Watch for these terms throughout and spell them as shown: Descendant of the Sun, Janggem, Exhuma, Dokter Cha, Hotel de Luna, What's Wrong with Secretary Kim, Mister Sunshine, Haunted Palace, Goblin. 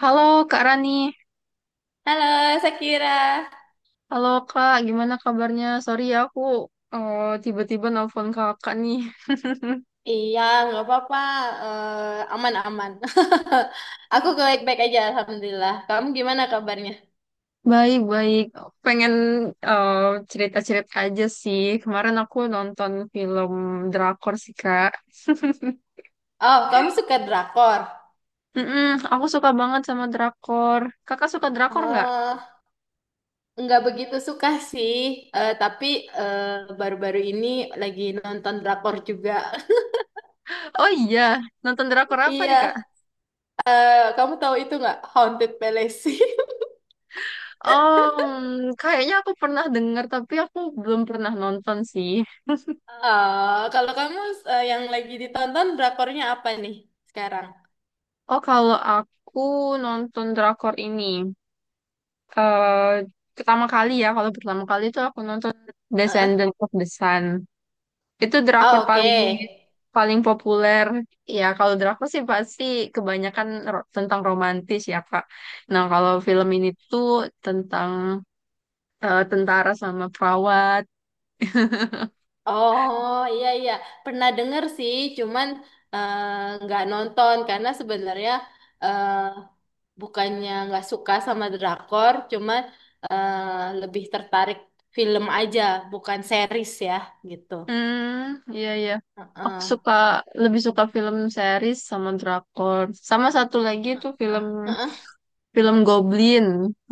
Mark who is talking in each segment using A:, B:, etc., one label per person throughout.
A: Halo Kak Rani,
B: Halo, Sakira.
A: halo Kak, gimana kabarnya? Sorry ya aku tiba-tiba nelfon Kakak nih.
B: Iya, nggak apa-apa. Aman-aman. Aku
A: Hmm.
B: baik-baik aja, Alhamdulillah. Kamu gimana kabarnya?
A: Baik-baik, pengen eh, cerita-cerita aja sih. Kemarin aku nonton film drakor sih Kak.
B: Oh, kamu suka drakor?
A: Mm-mm, aku suka banget sama drakor. Kakak suka drakor nggak?
B: Eh, nggak begitu suka sih. Tapi eh, baru-baru ini lagi nonton drakor juga.
A: Oh iya, nonton drakor apa nih
B: Iya,
A: Kak?
B: kamu tahu itu nggak? Haunted Palace.
A: Kayaknya aku pernah dengar tapi aku belum pernah nonton sih.
B: Oh, kalau kamu, yang lagi ditonton drakornya apa nih sekarang?
A: Oh, kalau aku nonton drakor ini. eh Pertama kali ya, kalau pertama kali itu aku nonton
B: Eh,
A: Descendant of the Sun. Itu drakor
B: Oh, oke.
A: paling paling populer. Ya, kalau drakor sih pasti kebanyakan tentang romantis ya, Kak. Nah, kalau film ini tuh tentang tentara sama perawat.
B: Oh iya iya, pernah denger sih, cuman eh, nggak nonton karena sebenarnya eh, bukannya nggak suka sama drakor, cuman lebih tertarik film aja, bukan series ya, gitu.
A: Hmm, iya iya. Aku
B: Heeh.
A: suka lebih suka film series sama drakor. Sama satu lagi itu film
B: Heeh.
A: Film Goblin.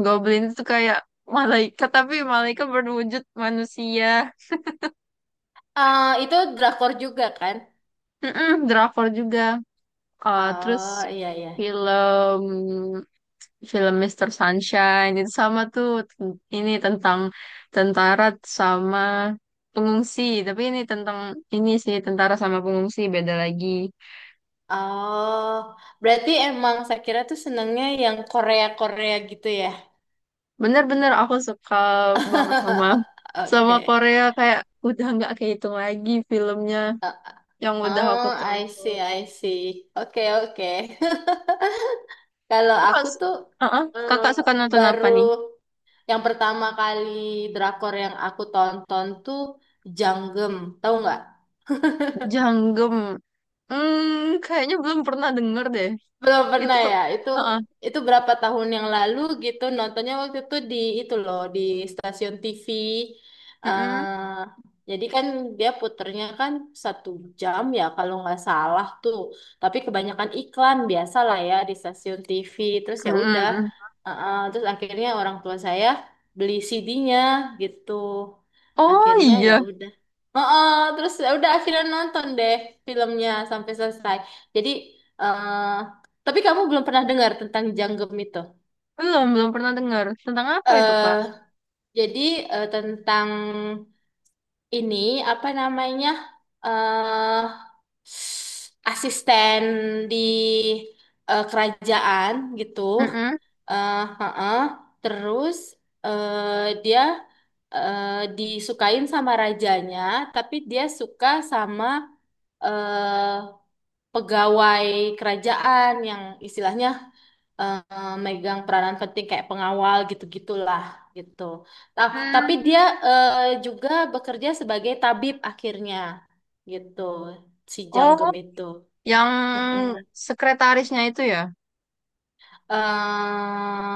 A: Goblin itu kayak malaikat tapi malaikat berwujud manusia.
B: Eh, itu drakor juga kan?
A: Mm-mm, drakor juga. Terus
B: Oh iya iya.
A: film film Mister Sunshine itu sama tuh ini tentang tentara sama pengungsi tapi ini tentang ini sih tentara sama pengungsi beda lagi
B: Oh, berarti emang Sakira tuh senengnya yang Korea Korea gitu ya?
A: bener-bener aku suka banget sama sama
B: Oke.
A: Korea kayak udah nggak kehitung lagi filmnya yang udah aku
B: Oh, I
A: tonton
B: see, I see. Oke, oke. Kalau
A: Kakak,
B: aku tuh
A: uh-uh.
B: eh,
A: Kakak suka nonton apa
B: baru
A: nih?
B: yang pertama kali drakor yang aku tonton tuh Janggem, tahu nggak?
A: Janggem. Hmm, kayaknya belum pernah denger deh.
B: Belum
A: Itu,
B: pernah ya. Itu
A: uh-uh.
B: itu berapa tahun yang lalu gitu nontonnya, waktu itu di itu loh, di stasiun TV.
A: Mm-mm.
B: eh jadi kan dia puternya kan satu jam ya kalau nggak salah tuh. Tapi kebanyakan iklan biasa lah ya di stasiun TV. Terus ya udah.
A: Mm.
B: Terus akhirnya orang tua saya beli CD-nya gitu.
A: Oh
B: Akhirnya ya
A: iya,
B: udah. Heeh, terus ya udah akhirnya nonton deh filmnya sampai selesai. Jadi eh, tapi kamu belum pernah dengar tentang Janggem itu.
A: belum belum pernah dengar. Tentang apa itu,
B: eh
A: Kak?
B: jadi tentang ini, apa namanya, eh asisten di kerajaan gitu.
A: Mm-mm.
B: Heeh. Terus dia disukain sama rajanya, tapi dia suka sama eh pegawai kerajaan yang istilahnya megang peranan penting kayak pengawal gitu-gitulah gitu. Tapi dia
A: Hmm.
B: juga bekerja sebagai tabib akhirnya, gitu, si
A: Oh,
B: Janggem itu.
A: yang
B: Mm-mm.
A: sekretarisnya itu ya?
B: eh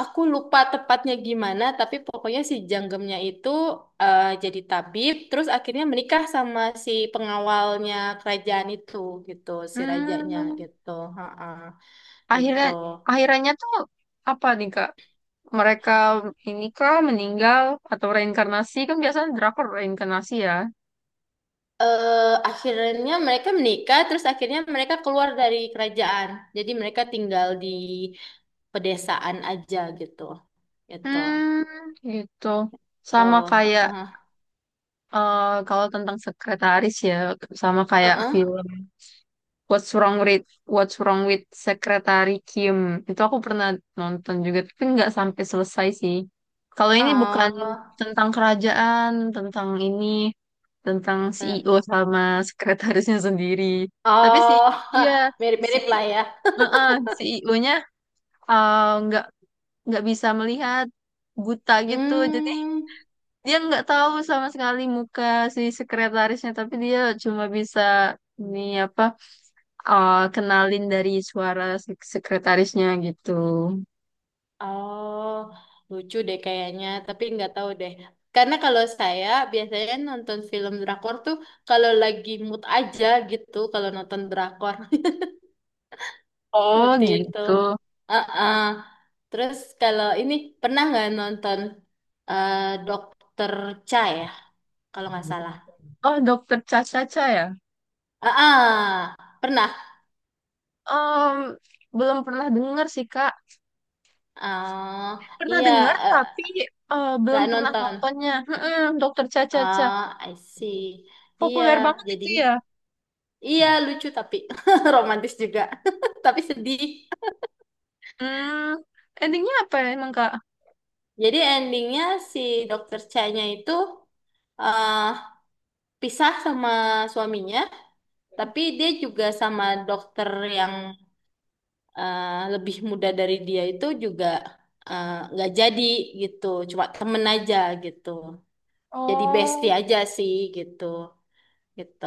B: aku lupa tepatnya gimana, tapi pokoknya si Janggemnya itu jadi tabib, terus akhirnya menikah sama si pengawalnya kerajaan itu, gitu, si rajanya,
A: Hmm.
B: gitu, ha
A: Akhirnya,
B: gitu.
A: akhirannya tuh apa nih, Kak? Mereka ini kah meninggal atau reinkarnasi? Kan biasanya drakor reinkarnasi ya.
B: Akhirnya mereka menikah, terus akhirnya mereka keluar dari kerajaan. Jadi mereka tinggal di pedesaan aja gitu. Gitu.
A: Hmm, gitu. Sama
B: Tuh.
A: kayak
B: Heeh.
A: eh, kalau tentang sekretaris ya, sama kayak
B: Heeh.
A: film What's Wrong with What's Wrong with Secretary Kim. Itu aku pernah nonton juga, tapi nggak sampai selesai sih. Kalau ini bukan
B: Oh.
A: tentang kerajaan, tentang ini, tentang
B: Eh,
A: CEO sama sekretarisnya sendiri. Tapi si
B: Oh.
A: iya si
B: Mirip-mirip lah ya.
A: CEO-nya nggak nggak bisa melihat buta gitu,
B: Hmm.
A: dia nggak tahu sama sekali muka si sekretarisnya tapi dia cuma bisa ini apa kenalin dari suara si sekretarisnya gitu.
B: Oh. Lucu deh kayaknya, tapi nggak tahu deh. Karena kalau saya biasanya nonton film drakor tuh kalau lagi mood aja gitu, kalau nonton drakor.
A: Oh
B: Seperti itu.
A: gitu.
B: Heeh. Terus kalau ini pernah nggak nonton eh, Dokter Cha ya, kalau nggak salah.
A: Oh, dokter Caca-Caca ya.
B: Ah, pernah.
A: Em, belum pernah dengar sih kak,
B: Oh,
A: pernah
B: iya,
A: dengar tapi
B: eh,
A: belum
B: nggak
A: pernah
B: nonton.
A: nontonnya, dokter Caca-Caca
B: Oh, I see. Iya,
A: populer banget
B: jadi
A: itu ya.
B: iya lucu, tapi romantis juga, tapi sedih.
A: hmm Endingnya apa ya emang kak?
B: Jadi endingnya si Dokter Cha-nya itu eh, pisah sama suaminya, tapi dia juga sama dokter yang eh, lebih muda dari dia itu juga nggak jadi, gitu, cuma temen aja gitu, jadi bestie
A: Oh,
B: aja sih gitu gitu.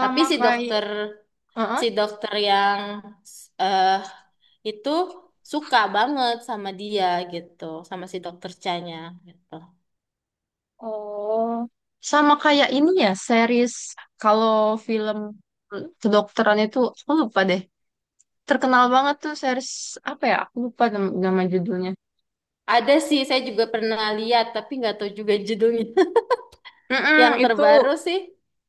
B: Tapi si
A: kayak.
B: dokter,
A: Heeh.
B: si dokter yang eh itu suka banget sama dia gitu, sama si dokter Chanya gitu.
A: Oh, sama kayak ini ya, series kalau film kedokteran itu aku lupa deh. Terkenal banget tuh series apa ya? Aku lupa nama judulnya.
B: Ada sih, saya juga pernah lihat tapi nggak tahu juga judulnya. Yang
A: Mm-mm, itu
B: terbaru sih,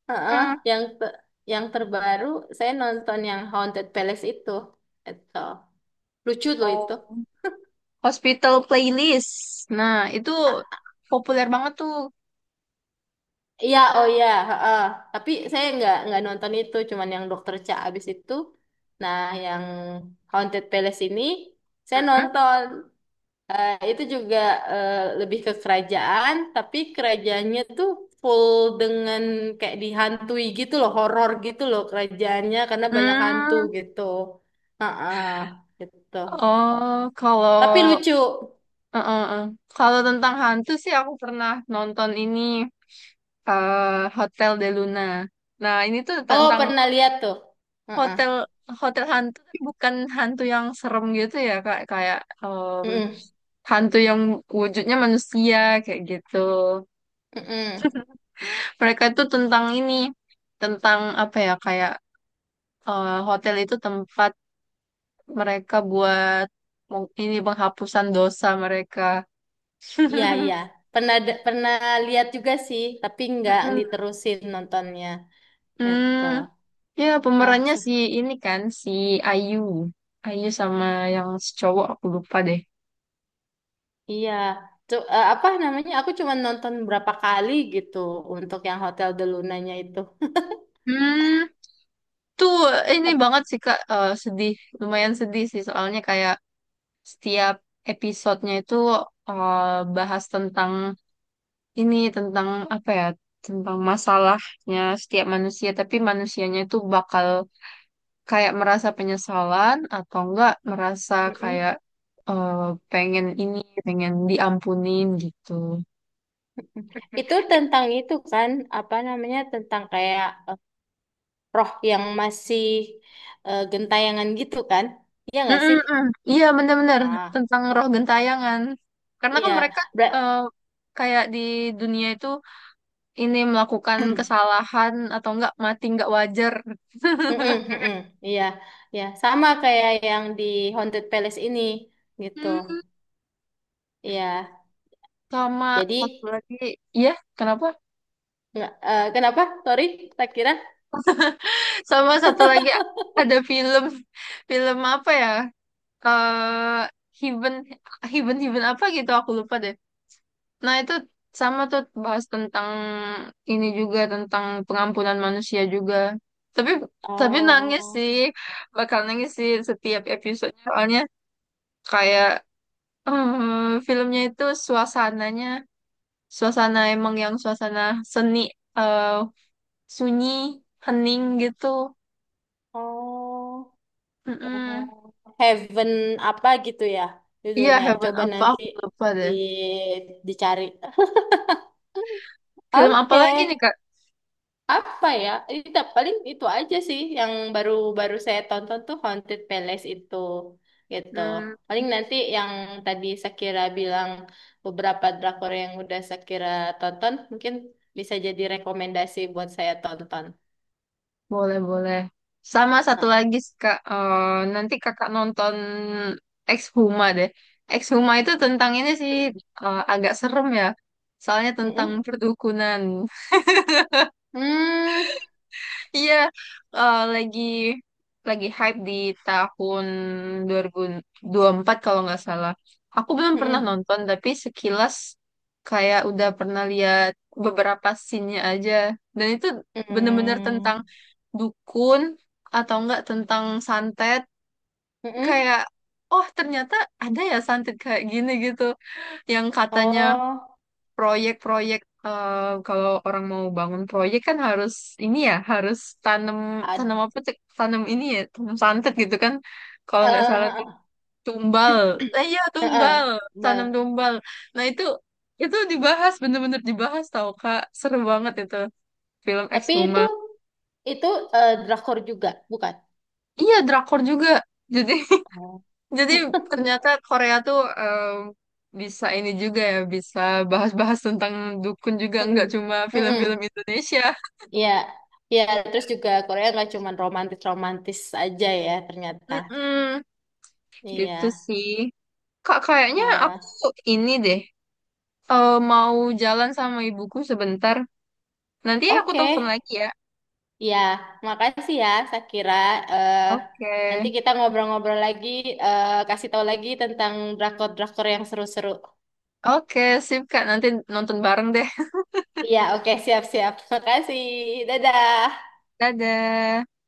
B: heeh,
A: mm,
B: yang te- yang terbaru saya nonton yang Haunted Palace itu lucu loh itu.
A: oh, Hospital Playlist. Nah, itu populer banget tuh.
B: Iya, oh iya, heeh. Tapi saya nggak nonton itu, cuman yang Dokter Cha abis itu. Nah, yang Haunted Palace ini saya
A: Mm-mm.
B: nonton. Eh, itu juga eh, lebih ke kerajaan, tapi kerajaannya tuh full dengan kayak dihantui gitu loh, horor gitu loh kerajaannya, karena banyak hantu
A: Hmm,
B: gitu. Heeh, gitu.
A: oh,
B: Tapi
A: kalau
B: lucu.
A: eh, eh, eh. Kalau tentang hantu sih aku pernah nonton ini eh, Hotel de Luna. Nah, ini tuh
B: Oh,
A: tentang
B: pernah lihat tuh. Heeh.
A: hotel hotel hantu tapi bukan hantu yang serem gitu ya kak kayak em,
B: Mm-mm.
A: hantu yang wujudnya manusia kayak gitu,
B: Mm-mm.
A: mereka itu tentang ini, tentang apa ya, kayak hotel itu tempat mereka buat ini penghapusan dosa mereka.
B: Iya, iya. Pernah lihat juga sih, tapi nggak
A: Mm-mm.
B: diterusin nontonnya. Gitu.
A: Hmm, ya
B: Ah,
A: pemerannya si ini kan si Ayu Ayu sama yang si cowok aku lupa deh.
B: Iya, apa namanya? Aku cuma nonton berapa kali gitu untuk yang Hotel de Lunanya itu.
A: hmm Itu ini
B: Tep-
A: banget sih Kak. Sedih, lumayan sedih sih soalnya kayak setiap episodenya itu eh, bahas tentang ini, tentang apa ya, tentang masalahnya setiap manusia, tapi manusianya itu bakal kayak merasa penyesalan atau enggak merasa
B: mm-mm.
A: kayak eh, pengen ini, pengen diampunin gitu.
B: Itu tentang itu kan, apa namanya? Tentang kayak roh yang masih gentayangan gitu kan? Iya nggak sih?
A: Mm-mm-mm. Iya benar-benar
B: Ah,
A: tentang roh gentayangan. Karena kan
B: iya.
A: mereka
B: Ber-
A: eh, kayak di dunia itu ini melakukan kesalahan atau enggak mati enggak wajar.
B: Mm-mm, mm-mm. Iya, ya sama kayak yang di Haunted Palace ini gitu.
A: Hmm,
B: Iya.
A: sama
B: Jadi
A: satu lagi, ya kenapa?
B: kenapa? Sorry, tak kira.
A: Sama satu lagi ada film film apa ya? Eh Heaven Heaven Heaven apa gitu aku lupa deh. Nah itu sama tuh bahas tentang ini juga tentang pengampunan manusia juga. Tapi tapi nangis
B: Oh.
A: sih, bakal nangis sih setiap episode soalnya kayak filmnya itu suasananya. Suasana emang yang suasana seni eh sunyi hening gitu.
B: Oh, eh,
A: Mm-mm.
B: Heaven apa gitu ya
A: Iya
B: judulnya.
A: Heaven
B: Coba
A: apa
B: nanti
A: aku lupa
B: di,
A: deh.
B: dicari.
A: Film apa
B: Oke,
A: lagi nih kak?
B: apa ya? Itu paling itu aja sih yang baru-baru saya tonton tuh Haunted Palace itu gitu.
A: hmm,
B: Paling nanti yang tadi Shakira bilang beberapa drakor yang udah Shakira tonton mungkin bisa jadi rekomendasi buat saya tonton.
A: Boleh boleh, sama satu
B: Ah.
A: lagi kak nanti kakak nonton Ex deh. Ex itu tentang ini sih agak serem ya soalnya tentang
B: Mm-mm.
A: perdukunan.
B: Hmm.
A: Iya, eh, lagi lagi hype di tahun dua ribu dua ribu empat kalau nggak salah. Aku belum pernah
B: Mm-mm.
A: nonton, tapi sekilas kayak udah pernah lihat beberapa scene-nya aja. Dan itu bener-bener tentang
B: Hmm.
A: dukun atau enggak tentang santet.
B: Mm-mm.
A: Kayak, oh ternyata ada ya santet kayak gini gitu. Yang katanya
B: Oh,
A: proyek-proyek eh, kalau orang mau bangun proyek kan harus ini ya harus tanam
B: ad,
A: tanam apa cek tanam ini ya tanam santet gitu kan kalau
B: eh,
A: nggak salah tuh,
B: eh,
A: tumbal. Eh, iya
B: eh, eh,
A: tumbal, tanam
B: Bal.
A: tumbal. Nah itu dibahas, bener-bener dibahas tau kak, seru banget itu film
B: Tapi
A: Exhuma.
B: itu drakor juga, bukan?
A: Iya drakor juga jadi,
B: Oh.
A: jadi ternyata Korea tuh bisa ini juga ya bisa bahas-bahas tentang dukun juga nggak
B: Mm-mm.
A: cuma film-film
B: Mm-mm.
A: Indonesia.
B: Ya, ya. Terus juga Korea nggak cuma romantis-romantis aja ya ternyata.
A: Mm-mm. Gitu
B: Iya.
A: sih. Kak, kayaknya aku
B: Ah,
A: ini deh, mau jalan sama ibuku sebentar. Nanti aku
B: Oke.
A: telepon lagi ya.
B: Ya, makasih ya Sakira. Eh,
A: Oke.
B: Nanti kita ngobrol-ngobrol lagi, kasih tahu lagi tentang drakor-drakor yang seru-seru.
A: Oke, sip Kak. Nanti nonton bareng deh.
B: Iya, oke, siap-siap. Makasih. Dadah.
A: Dadah.